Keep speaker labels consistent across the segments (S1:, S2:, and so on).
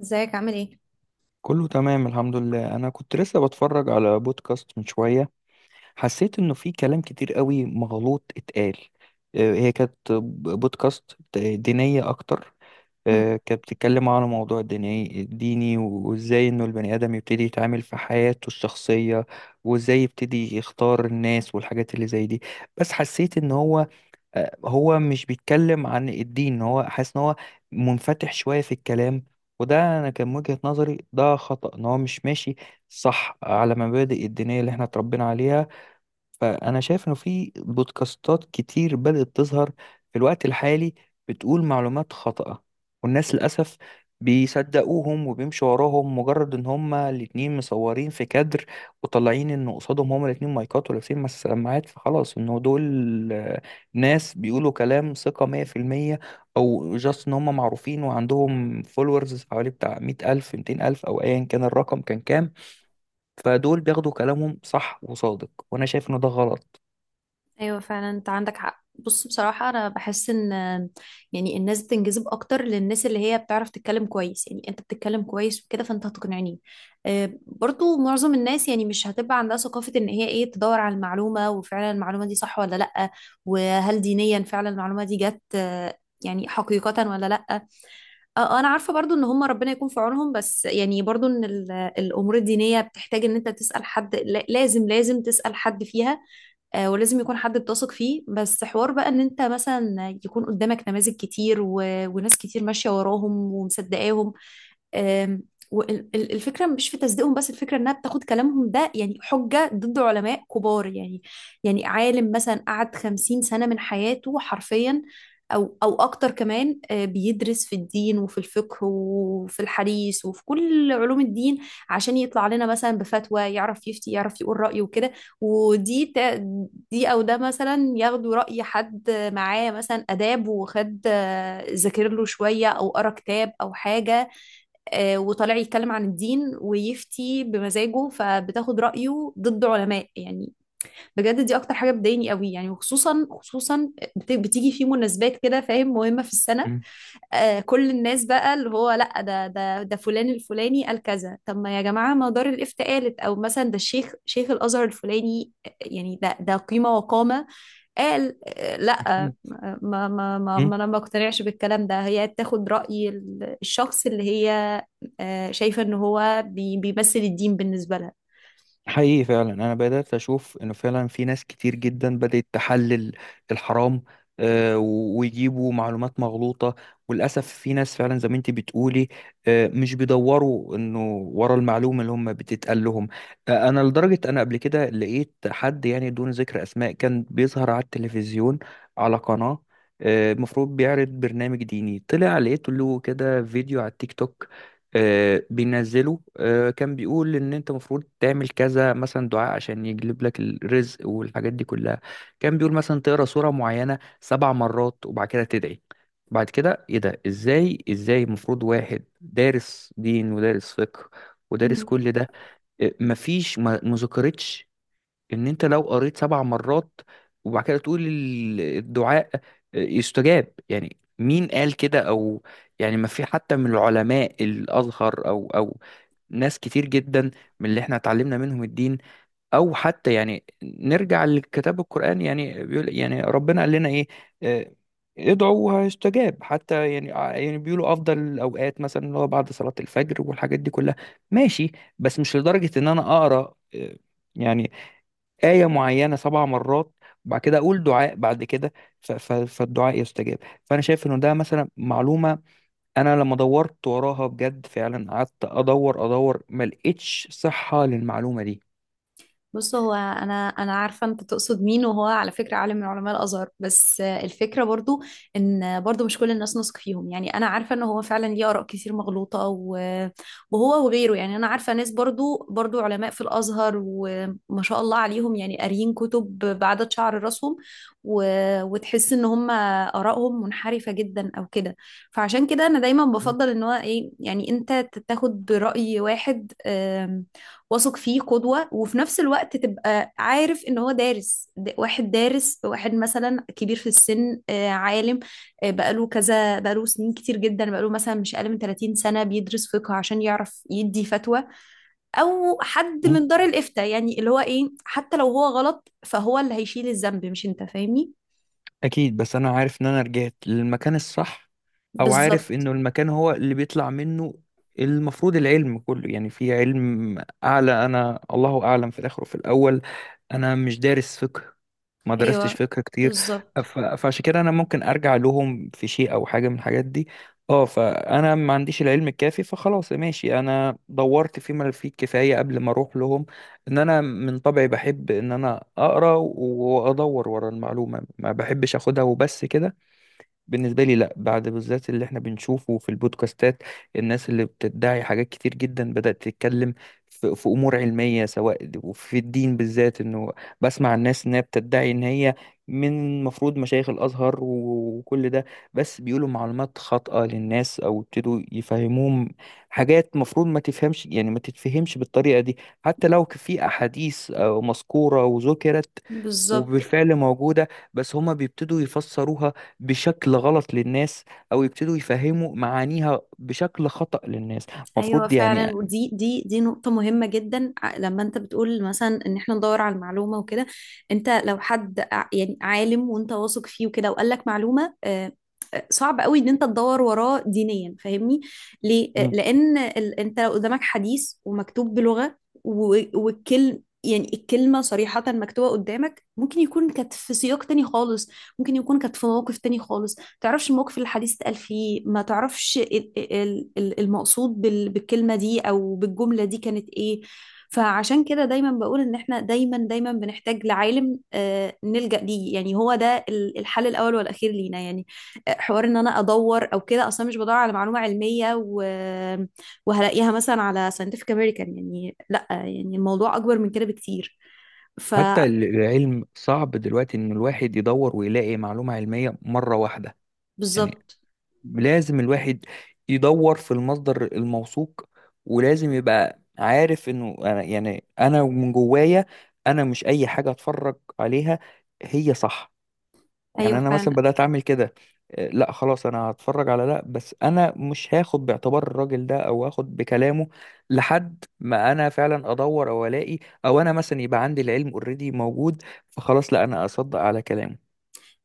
S1: ازيك عامل ايه؟
S2: كله تمام الحمد لله انا كنت لسه بتفرج على بودكاست من شويه. حسيت انه في كلام كتير قوي مغلوط اتقال. هي كانت بودكاست دينيه اكتر.
S1: مم.
S2: كانت بتتكلم على موضوع ديني ديني وازاي انه البني ادم يبتدي يتعامل في حياته الشخصيه وازاي يبتدي يختار الناس والحاجات اللي زي دي. بس حسيت ان هو هو مش بيتكلم عن الدين، هو حاسس ان هو منفتح شوية في الكلام. وده انا كان وجهة نظري، ده خطأ، ان هو مش ماشي صح على مبادئ الدينية اللي احنا اتربينا عليها. فأنا شايف إنه في بودكاستات كتير بدأت تظهر في الوقت الحالي بتقول معلومات خاطئة، والناس للأسف بيصدقوهم وبيمشوا وراهم مجرد إن هما الاتنين مصورين في كادر وطالعين إن قصادهم هما الاتنين مايكات ولابسين سماعات، فخلاص إنه دول ناس بيقولوا كلام ثقة 100%. أو جاست إن هما معروفين وعندهم فولورز حوالي بتاع 100,000 200,000 أو أيا كان الرقم كان كام. فدول بياخدوا كلامهم صح وصادق، وأنا شايف إن ده غلط.
S1: ايوه، فعلا انت عندك حق. بص، بصراحه انا بحس ان يعني الناس بتنجذب اكتر للناس اللي هي بتعرف تتكلم كويس، يعني انت بتتكلم كويس وكده فانت هتقنعني. برضو معظم الناس يعني مش هتبقى عندها ثقافه ان هي ايه تدور على المعلومه، وفعلا المعلومه دي صح ولا لا؟ وهل دينيا فعلا المعلومه دي جت، يعني حقيقه ولا لا؟ انا عارفه برضو ان هم ربنا يكون في عونهم. بس يعني برضو ان الامور الدينيه بتحتاج ان انت تسال حد، لازم تسال حد فيها. ولازم يكون حد بتثق فيه. بس حوار بقى ان انت مثلا يكون قدامك نماذج كتير وناس كتير ماشية وراهم ومصدقاهم. والفكره مش في تصديقهم، بس الفكره انها بتاخد كلامهم ده يعني حجه ضد علماء كبار، يعني يعني عالم مثلا قعد 50 سنة من حياته حرفيا، او اكتر كمان، بيدرس في الدين وفي الفقه وفي الحديث وفي كل علوم الدين عشان يطلع لنا مثلا بفتوى، يعرف يفتي يعرف يقول رأيه وكده. ودي دي او ده مثلا ياخدوا رأي حد معاه مثلا آداب، وخد ذاكر له شوية او قرا كتاب او حاجة، وطالع يتكلم عن الدين ويفتي بمزاجه، فبتاخد رأيه ضد علماء يعني. بجد دي اكتر حاجة بتضايقني قوي يعني، وخصوصا خصوصا بتيجي في مناسبات كده، فاهم، مهمة في السنة.
S2: مم.
S1: كل الناس بقى اللي هو لا، ده فلان الفلاني قال كذا. طب ما يا جماعة مدار الإفتاء قالت، أو مثلا ده الشيخ شيخ الأزهر الفلاني، يعني ده قيمة وقامة. قال لا
S2: أكيد.
S1: ما ما ما,
S2: مم.
S1: ما أنا ما اقتنعش بالكلام ده. هي تاخد رأي الشخص اللي هي شايفة إن هو بيمثل الدين بالنسبة
S2: حقيقي فعلا أنا بدأت أشوف إنه فعلا في ناس كتير جدا بدأت تحلل الحرام ويجيبوا معلومات مغلوطة. وللأسف في ناس فعلا زي ما أنت بتقولي مش بيدوروا إنه ورا المعلومة اللي هم بتتقال لهم. أنا لدرجة أنا قبل كده لقيت حد، يعني دون ذكر أسماء، كان بيظهر على التلفزيون على قناة المفروض بيعرض برنامج ديني. طلع لقيت له كده فيديو على التيك توك بينزله. كان بيقول ان انت المفروض تعمل كذا، مثلا دعاء عشان يجلب لك الرزق والحاجات دي كلها. كان بيقول مثلا تقرا سورة معينة 7 مرات وبعد كده تدعي. بعد كده ايه ده؟ ازاي المفروض واحد دارس دين ودارس فقه ودارس
S1: لها.
S2: كل ده مفيش؟ ما ذكرتش ان انت لو قريت 7 مرات وبعد كده تقول الدعاء يستجاب. يعني مين قال كده؟ يعني ما في حتى من العلماء الازهر او ناس كتير جدا من اللي احنا اتعلمنا منهم الدين، او حتى يعني نرجع لكتاب القرآن. يعني بيقول يعني ربنا قال لنا ايه؟ آه، ادعوا وهيستجاب. حتى يعني يعني بيقولوا افضل الاوقات مثلا اللي هو بعد صلاة الفجر والحاجات دي كلها، ماشي. بس مش لدرجة ان انا اقرا يعني آية معينة 7 مرات وبعد كده أقول دعاء بعد كده فالدعاء يستجاب. فأنا شايف إنه ده مثلا معلومة أنا لما دورت وراها بجد فعلا قعدت أدور أدور ما لقيتش صحة للمعلومة.
S1: بص، هو انا عارفه انت تقصد مين، وهو على فكره عالم من علماء الازهر. بس الفكره برضو ان برضو مش كل الناس نثق فيهم، يعني انا عارفه ان هو فعلا ليه اراء كتير مغلوطه، وهو وغيره. يعني انا عارفه ناس برضو، علماء في الازهر وما شاء الله عليهم، يعني قاريين كتب بعدد شعر راسهم، وتحس ان هم ارائهم منحرفه جدا او كده. فعشان كده انا دايما بفضل ان هو ايه، يعني انت تاخد براي واحد واثق فيه قدوة، وفي نفس الوقت تبقى عارف ان هو دارس، واحد دارس، واحد مثلا كبير في السن، عالم، بقاله سنين كتير جدا، بقاله مثلا مش اقل من 30 سنة بيدرس فقه عشان يعرف يدي فتوى، او حد
S2: دي
S1: من دار الافتاء. يعني اللي هو ايه حتى لو هو غلط فهو اللي هيشيل الذنب، مش انت، فاهمني؟
S2: اكيد، بس انا عارف ان انا رجعت للمكان الصح او عارف
S1: بالظبط.
S2: انه المكان هو اللي بيطلع منه المفروض العلم كله. يعني في علم اعلى، انا الله اعلم، في الاخر وفي الاول انا مش دارس فقه، ما درستش
S1: ايوه
S2: فقه كتير.
S1: بالظبط،
S2: فعشان كده انا ممكن ارجع لهم في شيء او حاجه من الحاجات دي. اه فانا ما عنديش العلم الكافي، فخلاص ماشي، انا دورت فيما فيه الكفايه قبل ما اروح لهم. ان انا من طبعي بحب ان انا اقرا وادور ورا المعلومه، ما بحبش اخدها وبس كده. بالنسبة لي لا، بعد بالذات اللي احنا بنشوفه في البودكاستات، الناس اللي بتدعي حاجات كتير جدا بدأت تتكلم في أمور علمية سواء وفي الدين بالذات، إنه بسمع الناس إنها بتدعي إن هي من المفروض مشايخ الأزهر وكل ده، بس بيقولوا معلومات خاطئة للناس، أو ابتدوا يفهموهم حاجات مفروض ما تفهمش، يعني ما تتفهمش بالطريقة دي. حتى لو في أحاديث مذكورة وذكرت
S1: بالظبط.
S2: وبالفعل موجودة، بس هما بيبتدوا يفسروها بشكل غلط للناس، او يبتدوا يفهموا معانيها بشكل خطأ للناس
S1: ايوه
S2: المفروض
S1: فعلا،
S2: يعني.
S1: ودي دي دي نقطة مهمة جدا. لما انت بتقول مثلا ان احنا ندور على المعلومة وكده، انت لو حد يعني عالم وانت واثق فيه وكده وقال لك معلومة، صعب قوي ان انت تدور وراه دينيا، فاهمني ليه؟
S2: مم.
S1: لان انت لو قدامك حديث ومكتوب بلغة، والكلم يعني الكلمة صريحة مكتوبة قدامك، ممكن يكون كانت في سياق تاني خالص، ممكن يكون كانت في موقف تاني خالص، تعرفش الموقف اللي الحديث اتقال فيه، ما تعرفش المقصود بالكلمة دي أو بالجملة دي كانت إيه. فعشان كده دايما بقول إن إحنا دايما دايما بنحتاج لعالم، نلجأ ليه، يعني هو ده الحل الأول والأخير لينا يعني. حوار إن أنا أدور أو كده، أصلا مش بدور على معلومة علمية وهلاقيها مثلا على scientific American، يعني لأ، يعني الموضوع أكبر من كده بكتير.
S2: حتى العلم صعب دلوقتي ان الواحد يدور ويلاقي معلومة علمية مرة واحدة. يعني
S1: فبالظبط.
S2: لازم الواحد يدور في المصدر الموثوق، ولازم يبقى عارف انه أنا، يعني انا من جوايا انا مش اي حاجة اتفرج عليها هي صح.
S1: أيوه
S2: يعني انا مثلا
S1: فعلا.
S2: بدات اعمل كده لا خلاص انا هتفرج على ده بس انا مش هاخد باعتبار الراجل ده او هاخد بكلامه لحد ما انا فعلا ادور او الاقي او انا مثلا يبقى عندي العلم اوريدي موجود، فخلاص لا انا اصدق على كلامه.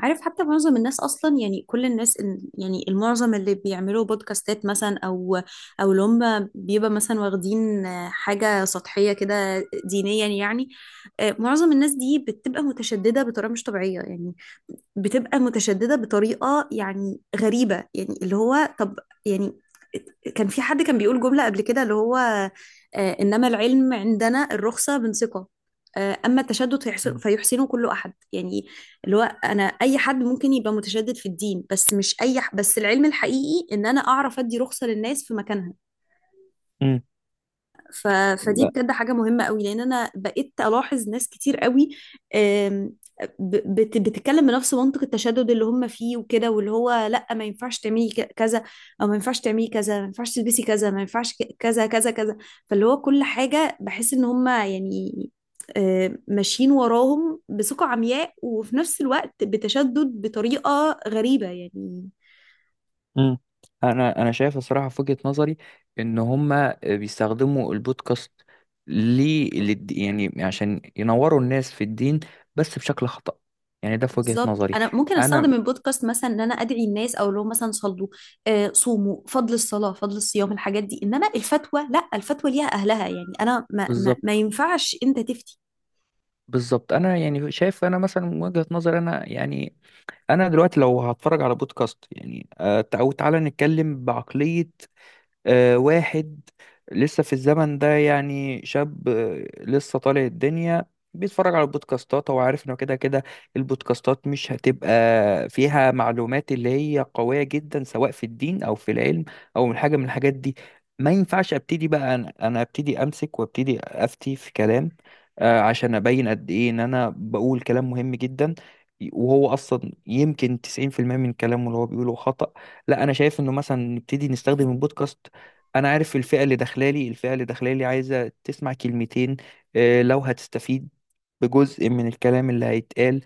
S1: عارف، حتى معظم الناس اصلا، يعني كل الناس يعني المعظم اللي بيعملوا بودكاستات مثلا، او اللي هم بيبقى مثلا واخدين حاجه سطحيه كده دينيا يعني. معظم الناس دي بتبقى متشدده بطريقه مش طبيعيه يعني، بتبقى متشددة بطريقة يعني غريبة، يعني اللي هو طب، يعني كان في حد كان بيقول جملة قبل كده اللي هو، إنما العلم عندنا الرخصة من ثقة، أما التشدد
S2: مم.
S1: فيحسنه كل أحد يعني. اللي هو أنا أي حد ممكن يبقى متشدد في الدين، بس مش أي بس العلم الحقيقي إن أنا أعرف أدي رخصة للناس في مكانها.
S2: مم.
S1: ف... فدي
S2: لا.
S1: بجد حاجة مهمة قوي، لأن أنا بقيت ألاحظ ناس كتير قوي آم، بتتكلم بنفس منطق التشدد اللي هم فيه وكده، واللي هو لأ، ما ينفعش تعملي كذا، أو ما ينفعش تعملي كذا، ما ينفعش تلبسي كذا، ما ينفعش كذا كذا كذا. فاللي هو كل حاجة بحس إن هم يعني ماشيين وراهم بثقة عمياء، وفي نفس الوقت بتشدد بطريقة غريبة يعني.
S2: مم. انا شايف الصراحه في وجهه نظري ان هما بيستخدموا البودكاست ليه، يعني عشان ينوروا الناس في الدين بس بشكل خطأ. يعني ده في وجهه
S1: بالظبط،
S2: نظري
S1: انا ممكن
S2: انا.
S1: استخدم البودكاست مثلا ان انا ادعي الناس، او لو مثلا صلوا صوموا، فضل الصلاه، فضل الصيام، الحاجات دي، انما الفتوى لا، الفتوى ليها اهلها، يعني انا ما
S2: بالظبط
S1: ينفعش انت تفتي.
S2: بالظبط، انا يعني شايف، انا مثلا من وجهة نظر انا يعني انا دلوقتي لو هتفرج على بودكاست يعني او تعالى نتكلم بعقلية واحد لسه في الزمن ده، يعني شاب لسه طالع الدنيا، بيتفرج على البودكاستات. هو عارف انه كده كده البودكاستات مش هتبقى فيها معلومات اللي هي قوية جدا سواء في الدين او في العلم او من حاجة من الحاجات دي. ما ينفعش ابتدي بقى انا ابتدي امسك وابتدي افتي في كلام عشان ابين قد ايه ان انا بقول كلام مهم جدا، وهو اصلا يمكن 90% من كلامه اللي هو بيقوله خطأ. لا انا شايف انه مثلا نبتدي نستخدم البودكاست، انا عارف الفئه اللي داخلالي، عايزه تسمع كلمتين لو هتستفيد بجزء من الكلام اللي هيتقال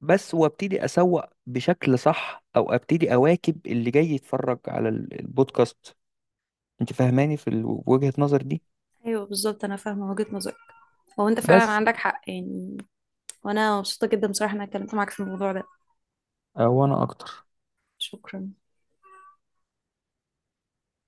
S2: بس. وابتدي اسوق بشكل صح او ابتدي اواكب اللي جاي يتفرج على البودكاست. انت فاهماني في وجهة نظر دي؟
S1: ايوه بالظبط، انا فاهمه وجهه نظرك، هو انت فعلا
S2: بس
S1: عندك حق يعني. وانا مبسوطه جدا بصراحه ان انا اتكلمت معاك في الموضوع ده.
S2: وانا اكتر.
S1: شكرا.